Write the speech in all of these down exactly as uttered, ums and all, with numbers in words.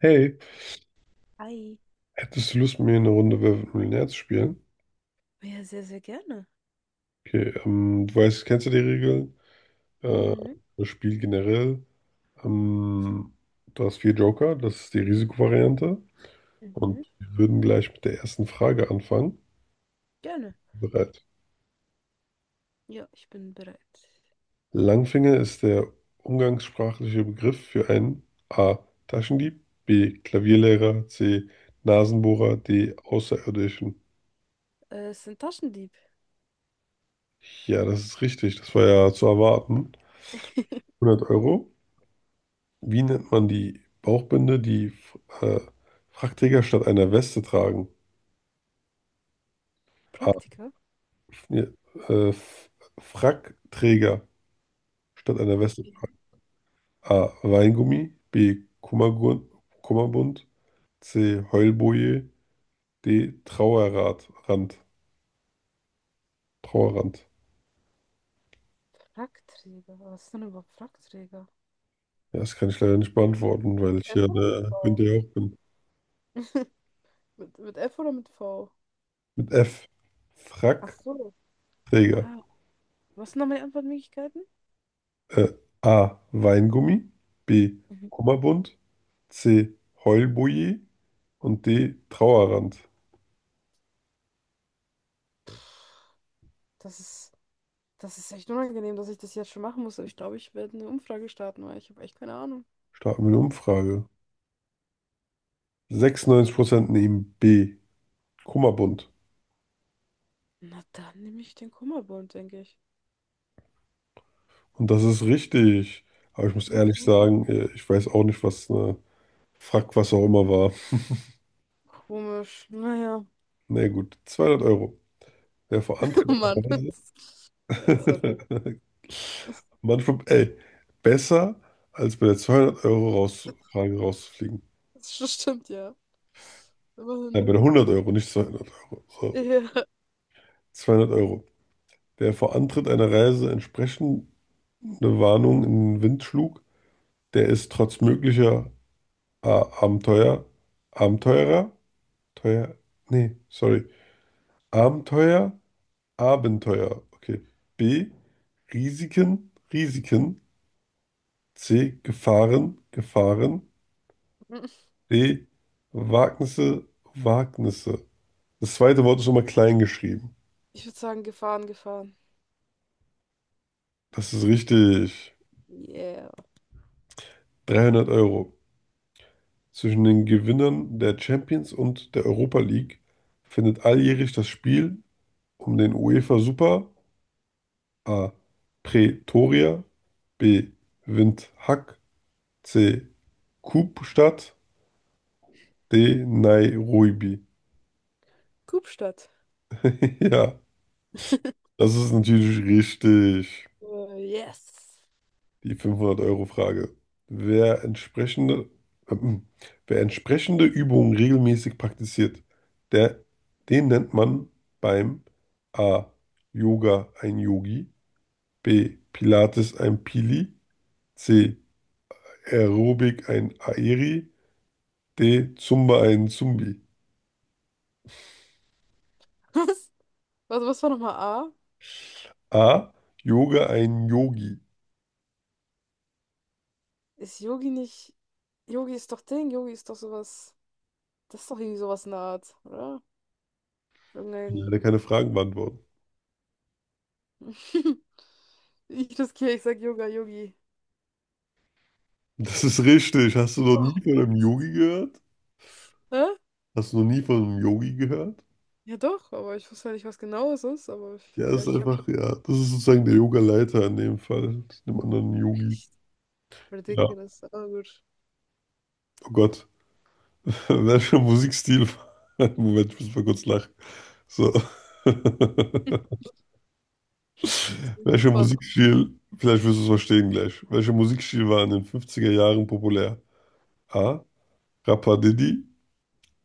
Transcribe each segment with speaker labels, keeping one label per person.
Speaker 1: Hey,
Speaker 2: Hi.
Speaker 1: hättest du Lust, mit mir eine Runde Wer wird Millionär zu spielen?
Speaker 2: Ja, sehr, sehr gerne.
Speaker 1: Okay, ähm, du weißt, kennst du die Regeln? Äh,
Speaker 2: Mhm,
Speaker 1: das Spiel generell. Ähm, du hast vier Joker, das ist die Risikovariante. Und
Speaker 2: mhm,
Speaker 1: wir würden gleich mit der ersten Frage anfangen.
Speaker 2: gerne.
Speaker 1: Bereit.
Speaker 2: Ja, ich bin bereit.
Speaker 1: Langfinger ist der umgangssprachliche Begriff für einen A. Taschendieb, B. Klavierlehrer, C. Nasenbohrer, D. Außerirdischen.
Speaker 2: Äh, es sind Taschendieb.
Speaker 1: Ja, das ist richtig. Das war ja zu erwarten. hundert Euro. Wie nennt man die Bauchbinde, die äh, Frackträger statt einer Weste tragen? A.
Speaker 2: Praktiker?
Speaker 1: F- nee, Äh, F- Frackträger statt einer Weste
Speaker 2: Okay.
Speaker 1: tragen. A. Weingummi. B. Kummergun, Kummerbund. C. Heulboje. D. Trauerrad, Rand. Trauerrand.
Speaker 2: Frackträger. Was ist denn überhaupt Frackträger?
Speaker 1: Ja, das kann ich leider nicht beantworten, weil ich
Speaker 2: F
Speaker 1: ja
Speaker 2: oder mit
Speaker 1: der
Speaker 2: V?
Speaker 1: Günther Jauch bin.
Speaker 2: Mit, mit F oder mit V?
Speaker 1: Mit F.
Speaker 2: Ach
Speaker 1: Frackträger.
Speaker 2: so. Ah, was sind noch meine Antwortmöglichkeiten?
Speaker 1: Äh, A. Weingummi. B.
Speaker 2: Mhm.
Speaker 1: Kummerbund. C. Heulboje. Und D. Trauerrand.
Speaker 2: Das ist, das ist echt unangenehm, dass ich das jetzt schon machen muss. Aber ich glaube, ich werde eine Umfrage starten, weil ich habe echt keine Ahnung.
Speaker 1: Starten wir eine Umfrage. sechsundneunzig Prozent nehmen B. Kummerbund.
Speaker 2: Na, dann nehme ich den Kummerbund, denke ich.
Speaker 1: Und das ist richtig. Aber ich muss ehrlich
Speaker 2: Okay.
Speaker 1: sagen, äh, ich weiß auch nicht, was eine Frack, was auch immer war.
Speaker 2: Komisch. Naja.
Speaker 1: Na ja, gut, zweihundert Euro. Wer vor anderen
Speaker 2: Oh Mann. Ja, sorry.
Speaker 1: manchmal, ey, besser als bei der zweihundert Euro raus, Frage rauszufliegen.
Speaker 2: Das st- stimmt, ja. Immerhin.
Speaker 1: Nein, bei der hundert Euro, nicht zweihundert Euro. So,
Speaker 2: Ja.
Speaker 1: zweihundert Euro. Der vor Antritt einer Reise entsprechende Warnung in den Wind schlug, der ist trotz möglicher äh, Abenteuer, Abenteurer, teuer, nee, sorry, Abenteuer, Abenteuer, okay. B, Risiken, Risiken. C, Gefahren, Gefahren. D, Wagnisse, Wagnisse. Das zweite Wort ist nochmal klein geschrieben.
Speaker 2: Ich würde sagen, gefahren, gefahren.
Speaker 1: Das ist richtig.
Speaker 2: Yeah.
Speaker 1: dreihundert Euro. Zwischen den Gewinnern der Champions und der Europa League findet alljährlich das Spiel um den UEFA Super A. Pretoria. B. Windhoek. C. Kapstadt. D. Nairobi.
Speaker 2: Kupstadt.
Speaker 1: Ja, das ist natürlich richtig.
Speaker 2: Äh, yes.
Speaker 1: Die fünfhundert Euro Frage. Wer entsprechende, ähm, wer entsprechende Übungen regelmäßig praktiziert, der, den nennt man beim A. Yoga ein Yogi. B. Pilates ein Pili. C. Aerobic ein Aeri. D. Zumba einen Zumbi.
Speaker 2: Was, was was war nochmal A?
Speaker 1: A. Yoga einen Yogi.
Speaker 2: Ist Yogi nicht. Yogi ist doch Ding, Yogi ist doch sowas. Das ist doch irgendwie sowas in der Art, oder?
Speaker 1: Ich kann
Speaker 2: Irgendein.
Speaker 1: leider keine Fragen beantworten.
Speaker 2: Ich riskiere, ich sag Yoga, Yogi.
Speaker 1: Das ist richtig. Hast du noch
Speaker 2: Oh.
Speaker 1: nie von einem Yogi gehört?
Speaker 2: Hä?
Speaker 1: Hast du noch nie von einem Yogi gehört?
Speaker 2: Ja doch, aber ich wusste ja nicht, was genau es ist, aber ich,
Speaker 1: Ja,
Speaker 2: ja,
Speaker 1: ist
Speaker 2: ich habe
Speaker 1: einfach, ja, das ist sozusagen der Yoga-Leiter in dem Fall, dem anderen Yogi.
Speaker 2: echt
Speaker 1: Ja,
Speaker 2: ridiculous. Aber gut.
Speaker 1: oh Gott. Welcher Musikstil? Moment, ich muss mal kurz lachen. So.
Speaker 2: Bin
Speaker 1: Welcher
Speaker 2: gespannt.
Speaker 1: Musikstil, vielleicht wirst du es verstehen gleich. Welcher Musikstil war in den fünfziger Jahren populär? A. Rapadiddy.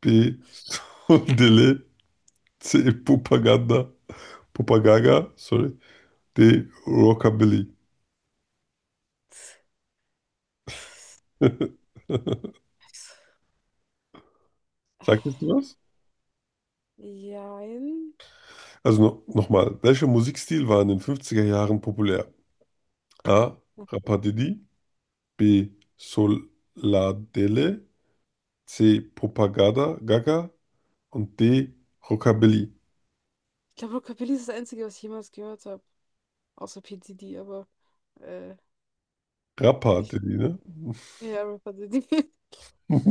Speaker 1: B. Sundele. C. Propaganda. Propagaga Sorry. D. Rockabilly. Sagt das dir was?
Speaker 2: Jein.
Speaker 1: Also no nochmal. Welcher Musikstil war in den fünfziger Jahren populär? A. Rapadidi. B. Soladele. C. Propaganda. Gaga. Und D. Rockabilly.
Speaker 2: Ich glaube, Rockabilly ist das Einzige, was ich jemals gehört habe. Außer P. Diddy, aber äh, ich.
Speaker 1: Rapadidi, ne?
Speaker 2: Ja, Rapper Diddy.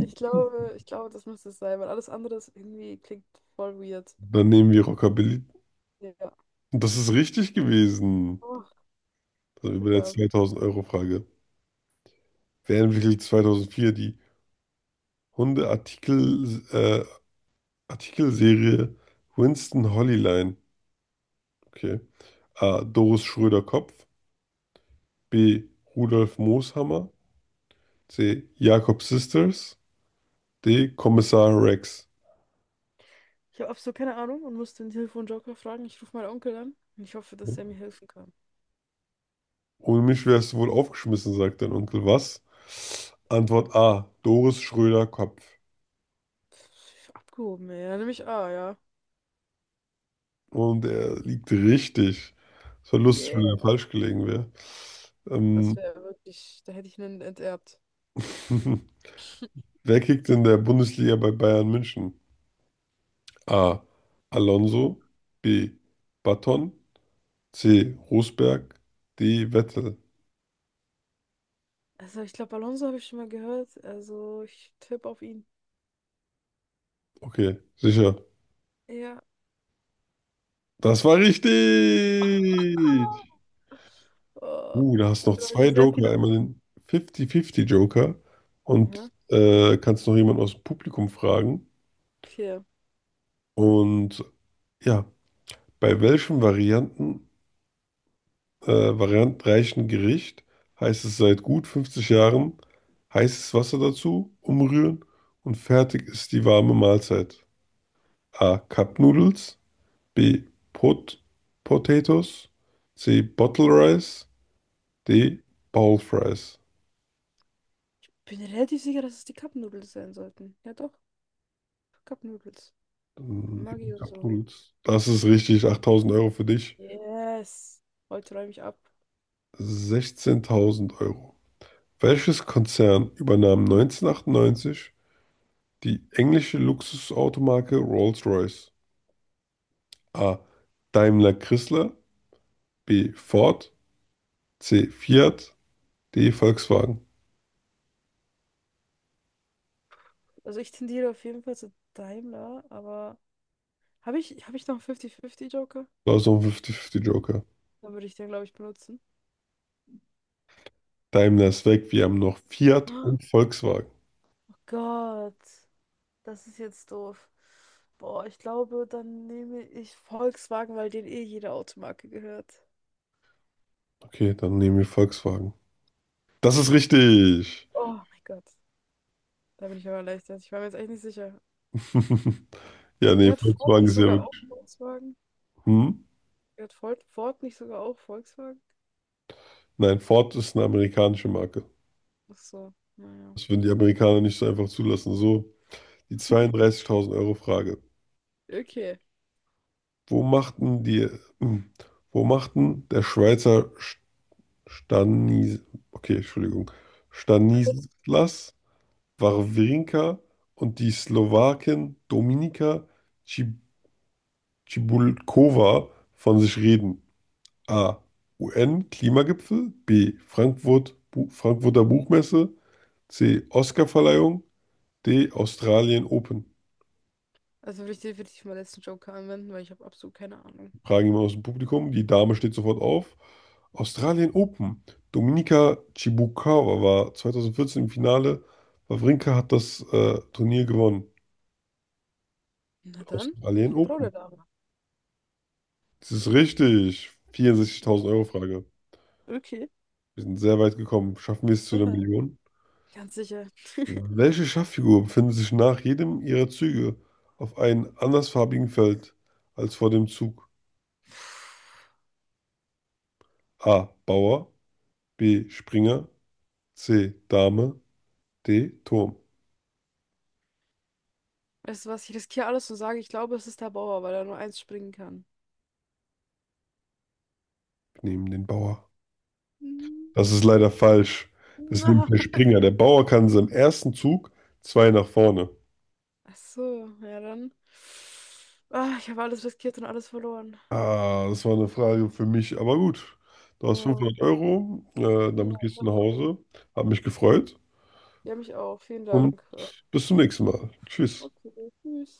Speaker 2: Ich glaube, ich glaube, das müsste es sein, weil alles andere ist irgendwie klingt voll weird.
Speaker 1: Dann nehmen wir Rockabilly.
Speaker 2: Ja.
Speaker 1: Und das ist richtig gewesen.
Speaker 2: Oh,
Speaker 1: Also über
Speaker 2: Glück
Speaker 1: der
Speaker 2: gehabt.
Speaker 1: zweitausend-Euro-Frage. Wer entwickelte zweitausendvier die Hunde-Artikel, äh, Artikelserie Winston Holleline? Okay. A. Doris Schröder-Kopf. B. Rudolf Mooshammer. C. Jakob Sisters. D. Kommissar Rex.
Speaker 2: Ich habe absolut keine Ahnung und musste den Telefonjoker fragen. Ich rufe meinen Onkel an und ich hoffe, dass er
Speaker 1: Okay.
Speaker 2: mir helfen kann.
Speaker 1: Ohne mich wärst du wohl aufgeschmissen, sagt dein Onkel. Was? Antwort A. Doris Schröder-Kopf.
Speaker 2: Pff, Abgehoben, ey. Dann nehme ich A, ja.
Speaker 1: Und er liegt richtig. Es war lustig, wenn
Speaker 2: Yeah.
Speaker 1: er falsch gelegen wäre.
Speaker 2: Das
Speaker 1: Ähm,
Speaker 2: wäre wirklich, da hätte ich einen enterbt.
Speaker 1: wer kickt in der Bundesliga bei Bayern München? A. Alonso. B. Button. C. Rosberg. D. Vettel.
Speaker 2: Also ich glaube, Alonso habe ich schon mal gehört. Also ich tippe auf ihn.
Speaker 1: Okay, sicher.
Speaker 2: Ja.
Speaker 1: Das war richtig.
Speaker 2: Oh,
Speaker 1: Uh, da hast du noch zwei
Speaker 2: ich sehr
Speaker 1: Joker.
Speaker 2: viele.
Speaker 1: Einmal den fifty fifty Joker und
Speaker 2: Aha.
Speaker 1: äh, kannst noch jemanden aus dem Publikum fragen.
Speaker 2: Okay.
Speaker 1: Und ja, bei welchem Varianten, äh, variantenreichen Gericht heißt es seit gut fünfzig Jahren heißes Wasser dazu, umrühren und fertig ist die warme Mahlzeit. A. Cup Noodles. B. Pot Potatoes. C. Bottle Rice. D. Bowl Fries.
Speaker 2: Ich bin relativ sicher, dass es die Cup Noodles sein sollten. Ja doch, Cup Noodles.
Speaker 1: Dann nehmen
Speaker 2: Maggi
Speaker 1: wir
Speaker 2: und
Speaker 1: Cup
Speaker 2: so.
Speaker 1: Noodles. Das ist richtig. Achttausend Euro für dich.
Speaker 2: Yes. Heute räume ich ab.
Speaker 1: Sechzehntausend Euro. Welches Konzern übernahm neunzehnhundertachtundneunzig die englische Luxusautomarke Rolls-Royce? A. Daimler Chrysler. B. Ford. C. Fiat. D. Volkswagen.
Speaker 2: Also ich tendiere auf jeden Fall zu Daimler, aber habe ich, habe ich noch einen fünfzig fünfzig Joker?
Speaker 1: Da ist noch ein fifty fifty Joker.
Speaker 2: Dann würde ich den, glaube ich, benutzen.
Speaker 1: Daimler ist weg. Wir haben noch Fiat
Speaker 2: Oh
Speaker 1: und Volkswagen.
Speaker 2: Gott. Das ist jetzt doof. Boah, ich glaube, dann nehme ich Volkswagen, weil denen eh jede Automarke gehört.
Speaker 1: Okay, dann nehmen wir Volkswagen. Das ist richtig.
Speaker 2: Oh mein Gott, da bin ich aber erleichtert. Ich war mir jetzt echt nicht sicher.
Speaker 1: Ja, nee,
Speaker 2: Gehört Ford
Speaker 1: Volkswagen
Speaker 2: nicht
Speaker 1: ist ja
Speaker 2: sogar auch
Speaker 1: wirklich.
Speaker 2: Volkswagen?
Speaker 1: Hm?
Speaker 2: Gehört Ford, Ford nicht sogar auch Volkswagen?
Speaker 1: Nein, Ford ist eine amerikanische Marke.
Speaker 2: Ach so, naja.
Speaker 1: Das würden die Amerikaner nicht so einfach zulassen. So, die zweiunddreißigtausend Euro Frage.
Speaker 2: Okay.
Speaker 1: Wo machten die, hm, wo machten der Schweizer Sch- Stanis, okay, Entschuldigung, Stanislas Wawrinka und die Slowakin Dominika Cib- Cibulková von sich reden? A. U N-Klimagipfel. B. Frankfurt, Bu Frankfurter Buchmesse. C. Oscarverleihung. D. Australien Open.
Speaker 2: Also will ich definitiv meinen letzten Joker anwenden, weil ich habe absolut keine Ahnung.
Speaker 1: Fragen jemand aus dem Publikum. Die Dame steht sofort auf. Australien Open. Dominika Chibukawa war zweitausendvierzehn im Finale. Wawrinka hat das äh, Turnier gewonnen.
Speaker 2: Na dann, ich
Speaker 1: Australien
Speaker 2: vertraue
Speaker 1: Open.
Speaker 2: der Dame.
Speaker 1: Das ist richtig.
Speaker 2: Ja.
Speaker 1: Vierundsechzigtausend Euro Frage.
Speaker 2: Okay.
Speaker 1: Wir sind sehr weit gekommen. Schaffen wir es zu einer
Speaker 2: Aha.
Speaker 1: Million?
Speaker 2: Ganz sicher.
Speaker 1: Welche Schachfigur befindet sich nach jedem ihrer Züge auf einem andersfarbigen Feld als vor dem Zug? A. Bauer, B. Springer, C. Dame, D. Turm.
Speaker 2: Weißt du was, ich riskiere alles und sage, ich glaube, es ist der Bauer, weil er nur eins springen kann.
Speaker 1: Wir nehmen den Bauer.
Speaker 2: Hm.
Speaker 1: Das ist leider falsch. Das nimmt
Speaker 2: Na,
Speaker 1: der Springer. Der Bauer kann in seinem ersten Zug zwei nach vorne.
Speaker 2: ach so, ja dann. Ah, ich habe alles riskiert und alles verloren.
Speaker 1: Ah, das war eine Frage für mich, aber gut. Du hast
Speaker 2: Ja,
Speaker 1: fünfhundert Euro, äh, damit
Speaker 2: ja,
Speaker 1: gehst du nach
Speaker 2: immerhin.
Speaker 1: Hause. Hab mich gefreut
Speaker 2: Ja, mich auch. Vielen
Speaker 1: und
Speaker 2: Dank. Ja,
Speaker 1: bis zum nächsten Mal. Tschüss.
Speaker 2: okay, tschüss.